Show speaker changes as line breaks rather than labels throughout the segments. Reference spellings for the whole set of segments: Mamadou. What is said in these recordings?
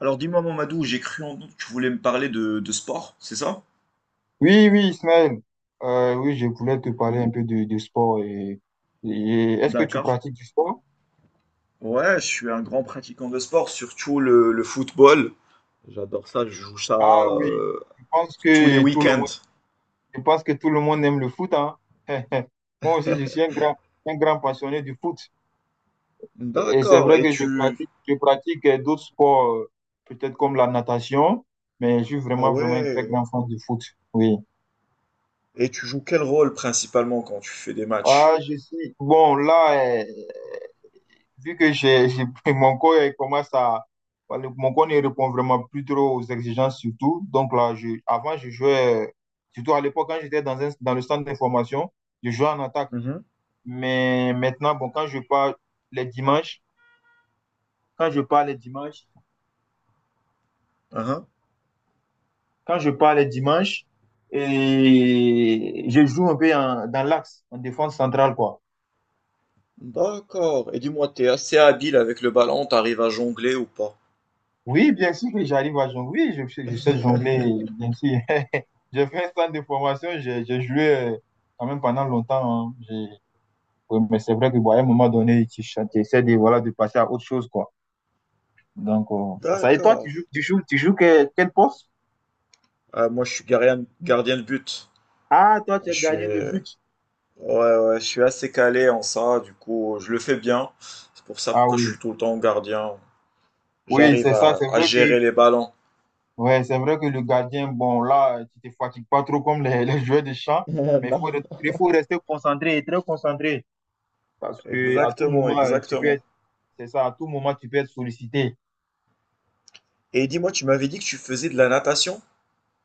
Alors dis-moi, Mamadou, j'ai cru en doute que tu voulais me parler de sport, c'est ça?
Oui, oui, Ismaël. Oui, je voulais te parler un peu de sport. Et est-ce que tu
D'accord.
pratiques du sport?
Ouais, je suis un grand pratiquant de sport, surtout le football. J'adore ça, je joue ça
Ah oui, je pense
tous les
que tout le
week-ends.
monde, je pense que tout le monde aime le foot, hein. Moi aussi, je suis un grand passionné du foot. Et c'est
D'accord,
vrai
et
que
tu...
je pratique d'autres sports, peut-être comme la natation, mais je suis
Ah
vraiment, vraiment un très
ouais,
grand fan du foot. Oui.
et tu joues quel rôle principalement quand tu fais des matchs?
Ah, je suis. Bon, là, vu que mon corps il commence à, voilà, mon corps ne répond vraiment plus trop aux exigences surtout. Donc là, avant, je jouais, surtout à l'époque, quand j'étais dans le centre d'information, je jouais en attaque.
Mhm.
Mais maintenant, bon, quand je pars les dimanches, quand je pars les dimanches,
Uhum.
quand je pars les dimanches, et je joue un peu dans l'axe, en défense centrale, quoi.
D'accord, et dis-moi, t'es assez habile avec le ballon, t'arrives à jongler ou pas?
Oui, bien sûr que j'arrive à jongler. Oui, je sais jongler, bien sûr. J'ai fait un centre de formation, j'ai joué quand même pendant longtemps, hein. Oui, mais c'est vrai que bon, à un moment donné, tu essaies voilà, de passer à autre chose, quoi. Donc, c'est ça. Et toi,
D'accord.
quel poste?
Ah, moi, je suis gardien, gardien de but.
Ah, toi, tu
Je
es
suis,
gardien de
ouais,
but.
ouais, je suis assez calé en ça, du coup, je le fais bien. C'est pour ça
Ah
que je suis
oui.
tout le temps gardien.
Oui,
J'arrive
c'est ça.
à, à gérer les ballons.
C'est vrai que le gardien, bon, là, tu te fatigues pas trop comme les, les joueurs de champ, mais
Non.
il faut rester concentré, très concentré parce que à tout
Exactement,
moment, tu peux
exactement.
être C'est ça, à tout moment, tu peux être sollicité.
Et dis-moi, tu m'avais dit que tu faisais de la natation?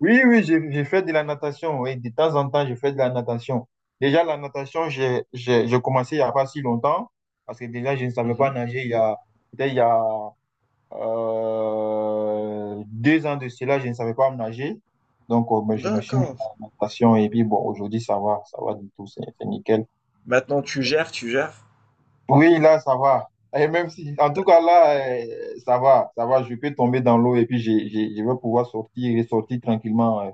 Oui, oui, j'ai fait de la natation. Oui, de temps en temps, je fais de la natation. Déjà, la natation, j'ai commencé il n'y a pas si longtemps, parce que déjà, je ne savais pas
Mhm.
nager peut-être il y a 2 ans de cela, je ne savais pas nager. Donc, ben, je me suis mis à
D'accord.
la natation et puis, bon, aujourd'hui, ça va du tout, c'est nickel.
Maintenant, tu gères, tu gères.
Oui, là, ça va. Et même si, en tout
T'as-
cas, là, ça va, je peux tomber dans l'eau et puis j'ai je vais pouvoir sortir et sortir tranquillement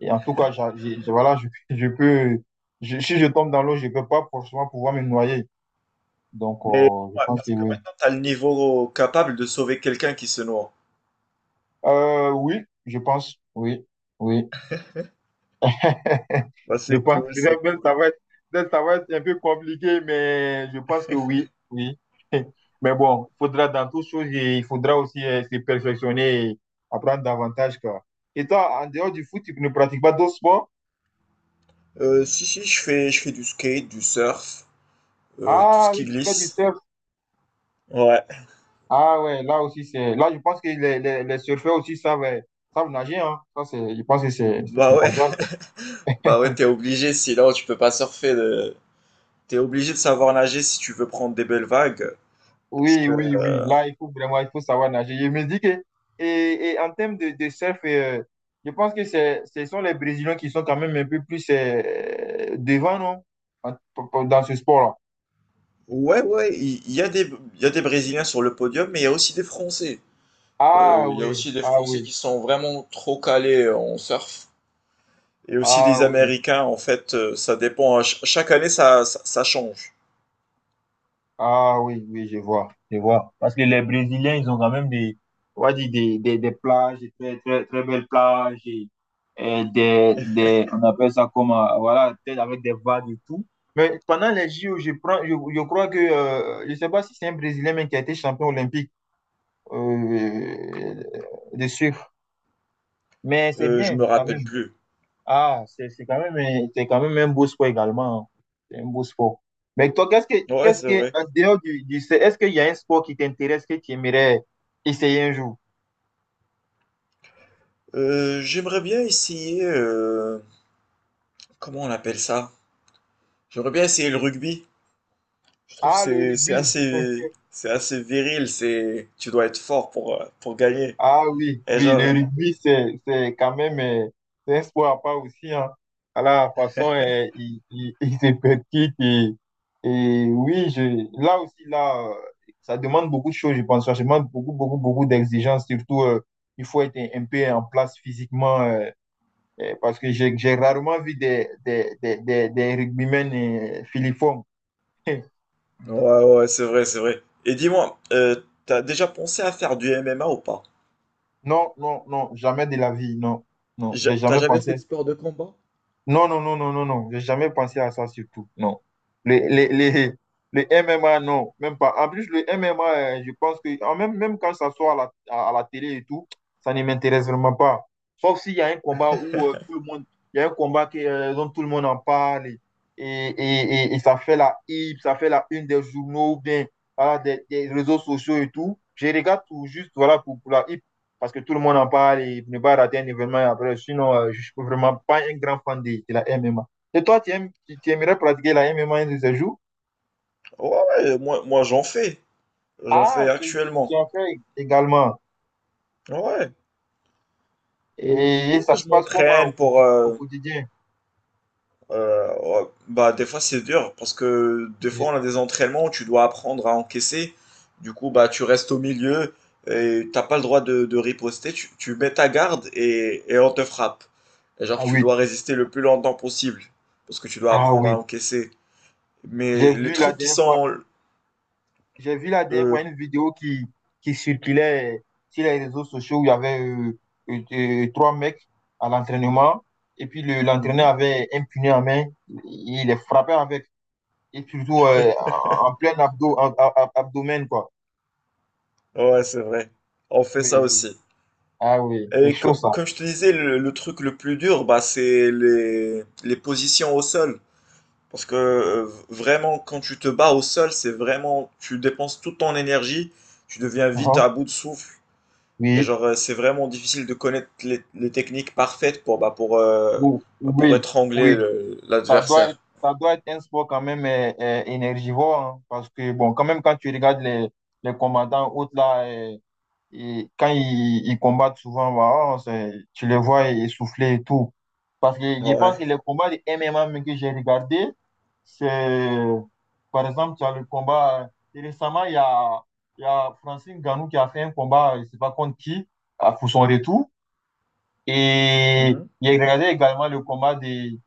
Et en tout cas, voilà, je peux, si je tombe dans l'eau, je peux pas forcément pouvoir me noyer. Donc,
Mais
je
dis-moi,
pense
est-ce
que
que
oui.
maintenant, tu as le niveau capable de sauver quelqu'un qui se noie?
Oui, je pense, oui, oui.
Bah,
Je
c'est
pense,
cool, c'est cool.
peut-être ça va être un peu compliqué, mais je pense que oui, oui. Mais bon, il faudra dans toutes choses, et il faudra aussi se perfectionner et apprendre davantage, quoi. Et toi, en dehors du foot, tu ne pratiques pas d'autres sports?
Si, si, je fais du skate, du surf, tout ce
Ah
qui
oui, tu fais du
glisse.
surf.
Ouais.
Ah ouais, là aussi, c'est. Là, je pense que les surfeurs aussi savent, savent nager, hein. Je pense que c'est
Bah ouais.
primordial, quoi.
Bah ouais, t'es obligé, sinon tu peux pas surfer. Le... T'es obligé de savoir nager si tu veux prendre des belles vagues. Parce
Oui,
que,
oui, oui. Là, il faut savoir nager. Je me dis que. Et en termes de surf, je pense que ce sont les Brésiliens qui sont quand même un peu plus devant, non? En- Dans ce sport-là.
ouais, ouais, il y a il y a des Brésiliens sur le podium, mais il y a aussi des Français.
Ah
Il y a
oui,
aussi des
ah
Français
oui,
qui sont vraiment trop calés en surf. Et aussi
ah
des
oui.
Américains, en fait, ça dépend, hein. Chaque année, ça change.
Ah oui, oui, je vois, je vois. Parce que les Brésiliens, ils ont quand même on va dire des plages, des très, très, très belles plages, on appelle ça comme, voilà, peut-être avec des vagues et tout. Mais pendant les JO, je crois que je sais pas si c'est un Brésilien, mais qui a été champion olympique, euh, de surf. Mais c'est
Je me
bien, quand même.
rappelle plus.
Ah, c'est quand même un beau sport également, hein. C'est un beau sport. Mais toi,
Ouais, c'est vrai.
en dehors est-ce qu'il y a un sport qui t'intéresse, que tu aimerais essayer un jour?
J'aimerais bien essayer, comment on appelle ça? J'aimerais bien essayer le rugby. Je trouve que
Ah, le
c'est
rugby.
assez, c'est assez viril, c'est tu dois être fort pour gagner.
Ah oui,
Et
oui,
genre
le rugby, c'est quand même c'est un sport à part aussi, hein. À la façon, il se pratique. Et oui, là aussi, là, ça demande beaucoup de choses, je pense. Ça demande beaucoup, beaucoup, beaucoup d'exigences. Surtout, il faut être un peu en place physiquement, parce que j'ai rarement vu des rugbymen filiformes.
ouais, ouais, c'est vrai, c'est vrai. Et dis-moi, t'as déjà pensé à faire du MMA ou pas?
Non, non, non, jamais de la vie, non. Non, j'ai
T'as
jamais
jamais fait de
pensé.
sport de combat?
Non, non, non, non, non, non. J'ai jamais pensé à ça surtout. Non. Le, le, le, le M M A non, même pas. En plus, le M MMA, je pense que même quand ça sort à la, à la télé et tout, ça ne m'intéresse vraiment pas. Sauf s'il y a un combat où tout le monde, il y a un combat dont tout le monde en parle et, et ça fait la hype, ça fait la une des journaux ou bien voilà, des réseaux sociaux et tout. Je regarde tout juste voilà, pour la hype parce que tout le monde en parle et ne pas rater un événement après. Sinon, je ne suis vraiment pas un grand fan de la MMA. Et toi, tu aimerais pratiquer la MMA un de ces jours?
Ouais, ouais, moi j'en fais. J'en fais
Ah, tu
actuellement.
en fais également.
Ouais. Et c'est
Et,
pour
et
ça
ça
que je
se passe comment
m'entraîne pour
au quotidien?
euh, ouais, bah, des fois, c'est dur parce que des fois,
Je-
on a des entraînements où tu dois apprendre à encaisser. Du coup, bah, tu restes au milieu et t'as pas le droit de riposter. Tu mets ta garde et on te frappe. Et genre,
Ah
tu
oui,
dois résister le plus longtemps possible parce que tu dois
ah
apprendre à
oui.
encaisser. Mais
J'ai
les
vu la
trucs qui
dernière fois,
sont.
j'ai vu la dernière fois
Euh,
une vidéo qui circulait sur les réseaux sociaux où il y avait trois mecs à l'entraînement. Et puis l'entraîneur
mhm.
avait un punais en main. Il les frappait avec et toujours en plein abdomen, quoi.
Ouais, c'est vrai. On fait
Oui,
ça
oui.
aussi.
Ah oui, c'est
Et
chaud ça.
comme je te disais, le truc le plus dur, bah, c'est les positions au sol. Parce que vraiment, quand tu te bats au sol, c'est vraiment, tu dépenses toute ton énergie, tu deviens vite
Uhum.
à bout de souffle. Et
Oui,
genre, c'est vraiment difficile de connaître les techniques parfaites pour, bah, pour, bah, pour
oui,
étrangler
oui. Ça doit être,
l'adversaire.
ça doit être un sport quand même énergivore, hein, parce que, bon, quand même, quand tu regardes les commandants autres là, Et quand ils combattent souvent, bah, oh, tu les vois essoufflés et tout. Parce que je pense que
Ouais.
les combats de MMA même que j'ai regardé, c'est, par exemple, tu as le combat, et récemment, il y a Francine Ganou qui a fait un combat, je ne sais pas contre qui, pour son retour. Et
Mhm.
j'ai regardé également le combat de,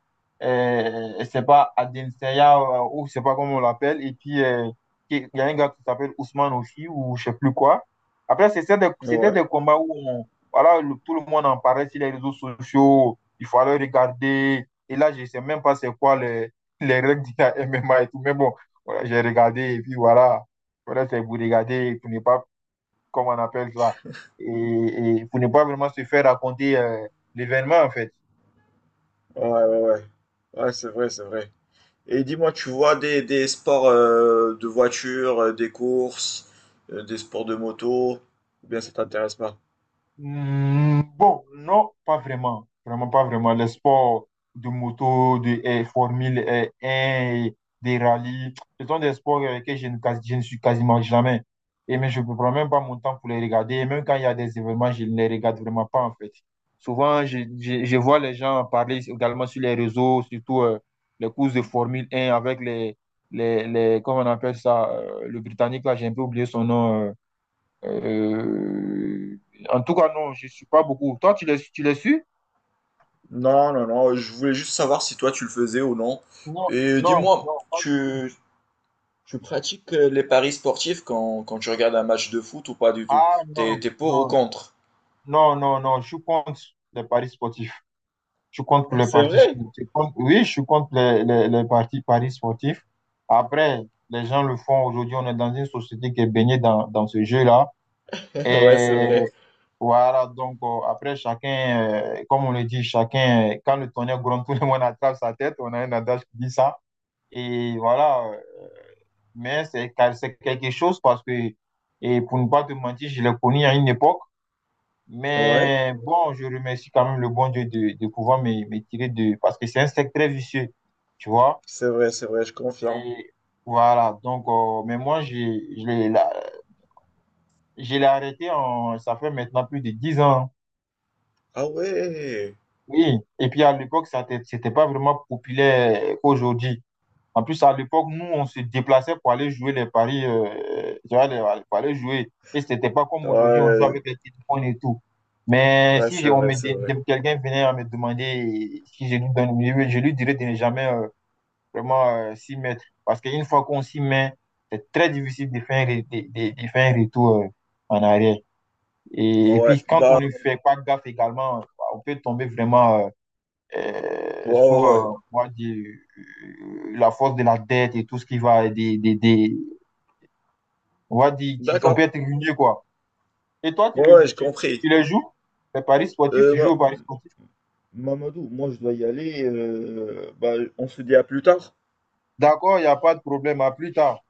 euh, c'est pas Adesanya ou je sais pas comment on l'appelle. Et puis, il y a un gars qui s'appelle Ousmane aussi, ou je sais plus quoi. Après, c'était
Ouais.
des combats où voilà, tout le monde en parlait sur les réseaux sociaux. Il fallait regarder. Et là, je sais même pas c'est quoi les règles du MMA et tout. Mais bon, voilà, j'ai regardé et puis voilà. Voilà, c'est vous regardez pour ne pas, comme on appelle ça, et pour ne pas vraiment se faire raconter l'événement, en fait.
Ouais, ouais, ouais. Ouais, c'est vrai, c'est vrai. Et dis-moi, tu vois des sports de voiture, des courses, des sports de moto, ou bien ça t'intéresse pas?
Hmm, bon, non, pas vraiment. Vraiment pas vraiment. Les sports de moto, Formule 1, des rallyes, ce sont des sports que je ne suis quasiment jamais. Et mais je ne prends même pas mon temps pour les regarder. Et même quand il y a des événements, je ne les regarde vraiment pas en fait. Souvent, je vois les gens parler également sur les réseaux, surtout les courses de Formule 1 avec les, comment on appelle ça, le Britannique, là, j'ai un peu oublié son nom. Euh, En tout cas, non, je ne suis pas beaucoup. Toi, tu l'as su
Non, non, non, je voulais juste savoir si toi tu le faisais ou non.
Non,
Et
non,
dis-moi,
non, pas du tout.
tu pratiques les paris sportifs quand, quand tu regardes un match de foot ou pas du tout?
Ah
T'es,
non,
t'es pour ou
non,
contre?
non, non, non, je suis contre les paris sportifs. Je suis contre les
C'est
paris
vrai?
sportifs. Oui, je suis contre paris sportifs. Après, les gens le font aujourd'hui. On est dans une société qui est baignée dans ce jeu-là.
Ouais, c'est
Et
vrai.
voilà, donc après, chacun, comme on le dit, chacun, quand le tonnerre gronde, tout le monde attrape sa tête. On a un adage qui dit ça. Et voilà, mais c'est quelque chose parce que, et pour ne pas te mentir, je l'ai connu à une époque.
Ouais,
Mais bon, je remercie quand même le bon Dieu de pouvoir me tirer de… Parce que c'est un secteur très vicieux, tu vois.
c'est vrai, je confirme.
Et voilà, donc, mais moi, je l'ai arrêté, ça fait maintenant plus de 10 ans.
Ah ouais,
Oui, et puis à l'époque, ça n'était pas vraiment populaire qu'aujourd'hui. En plus, à l'époque, nous, on se déplaçait pour aller jouer les paris, tu vois, pour aller jouer. Et c'était pas comme aujourd'hui, on joue
ouais,
avec les téléphones et tout. Mais
ouais,
si
c'est
j'ai- on
vrai,
me
c'est
dé-
vrai.
dé- quelqu'un venait à me demander si je lui donne, je lui dirais de ne jamais vraiment s'y mettre. Parce qu'une fois qu'on s'y met, c'est très difficile de faire un retour en arrière. Et
Ouais,
puis, quand
bah,
on ne fait pas gaffe également, on peut tomber vraiment
ouais,
sous
ouais, ouais.
on va dire, la force de la dette et tout ce qui va on va dire, on peut
D'accord,
être ruiné, quoi. Et toi, tu,
ouais,
le,
ouais, j'ai
tu, tu,
compris.
tu les joues, les paris sportifs,
Euh,
tu joues aux
Ma-
paris sportifs.
Mamadou, moi je dois y aller. Euh, bah, on se dit à plus tard.
D'accord, il n'y a pas de problème, à plus tard.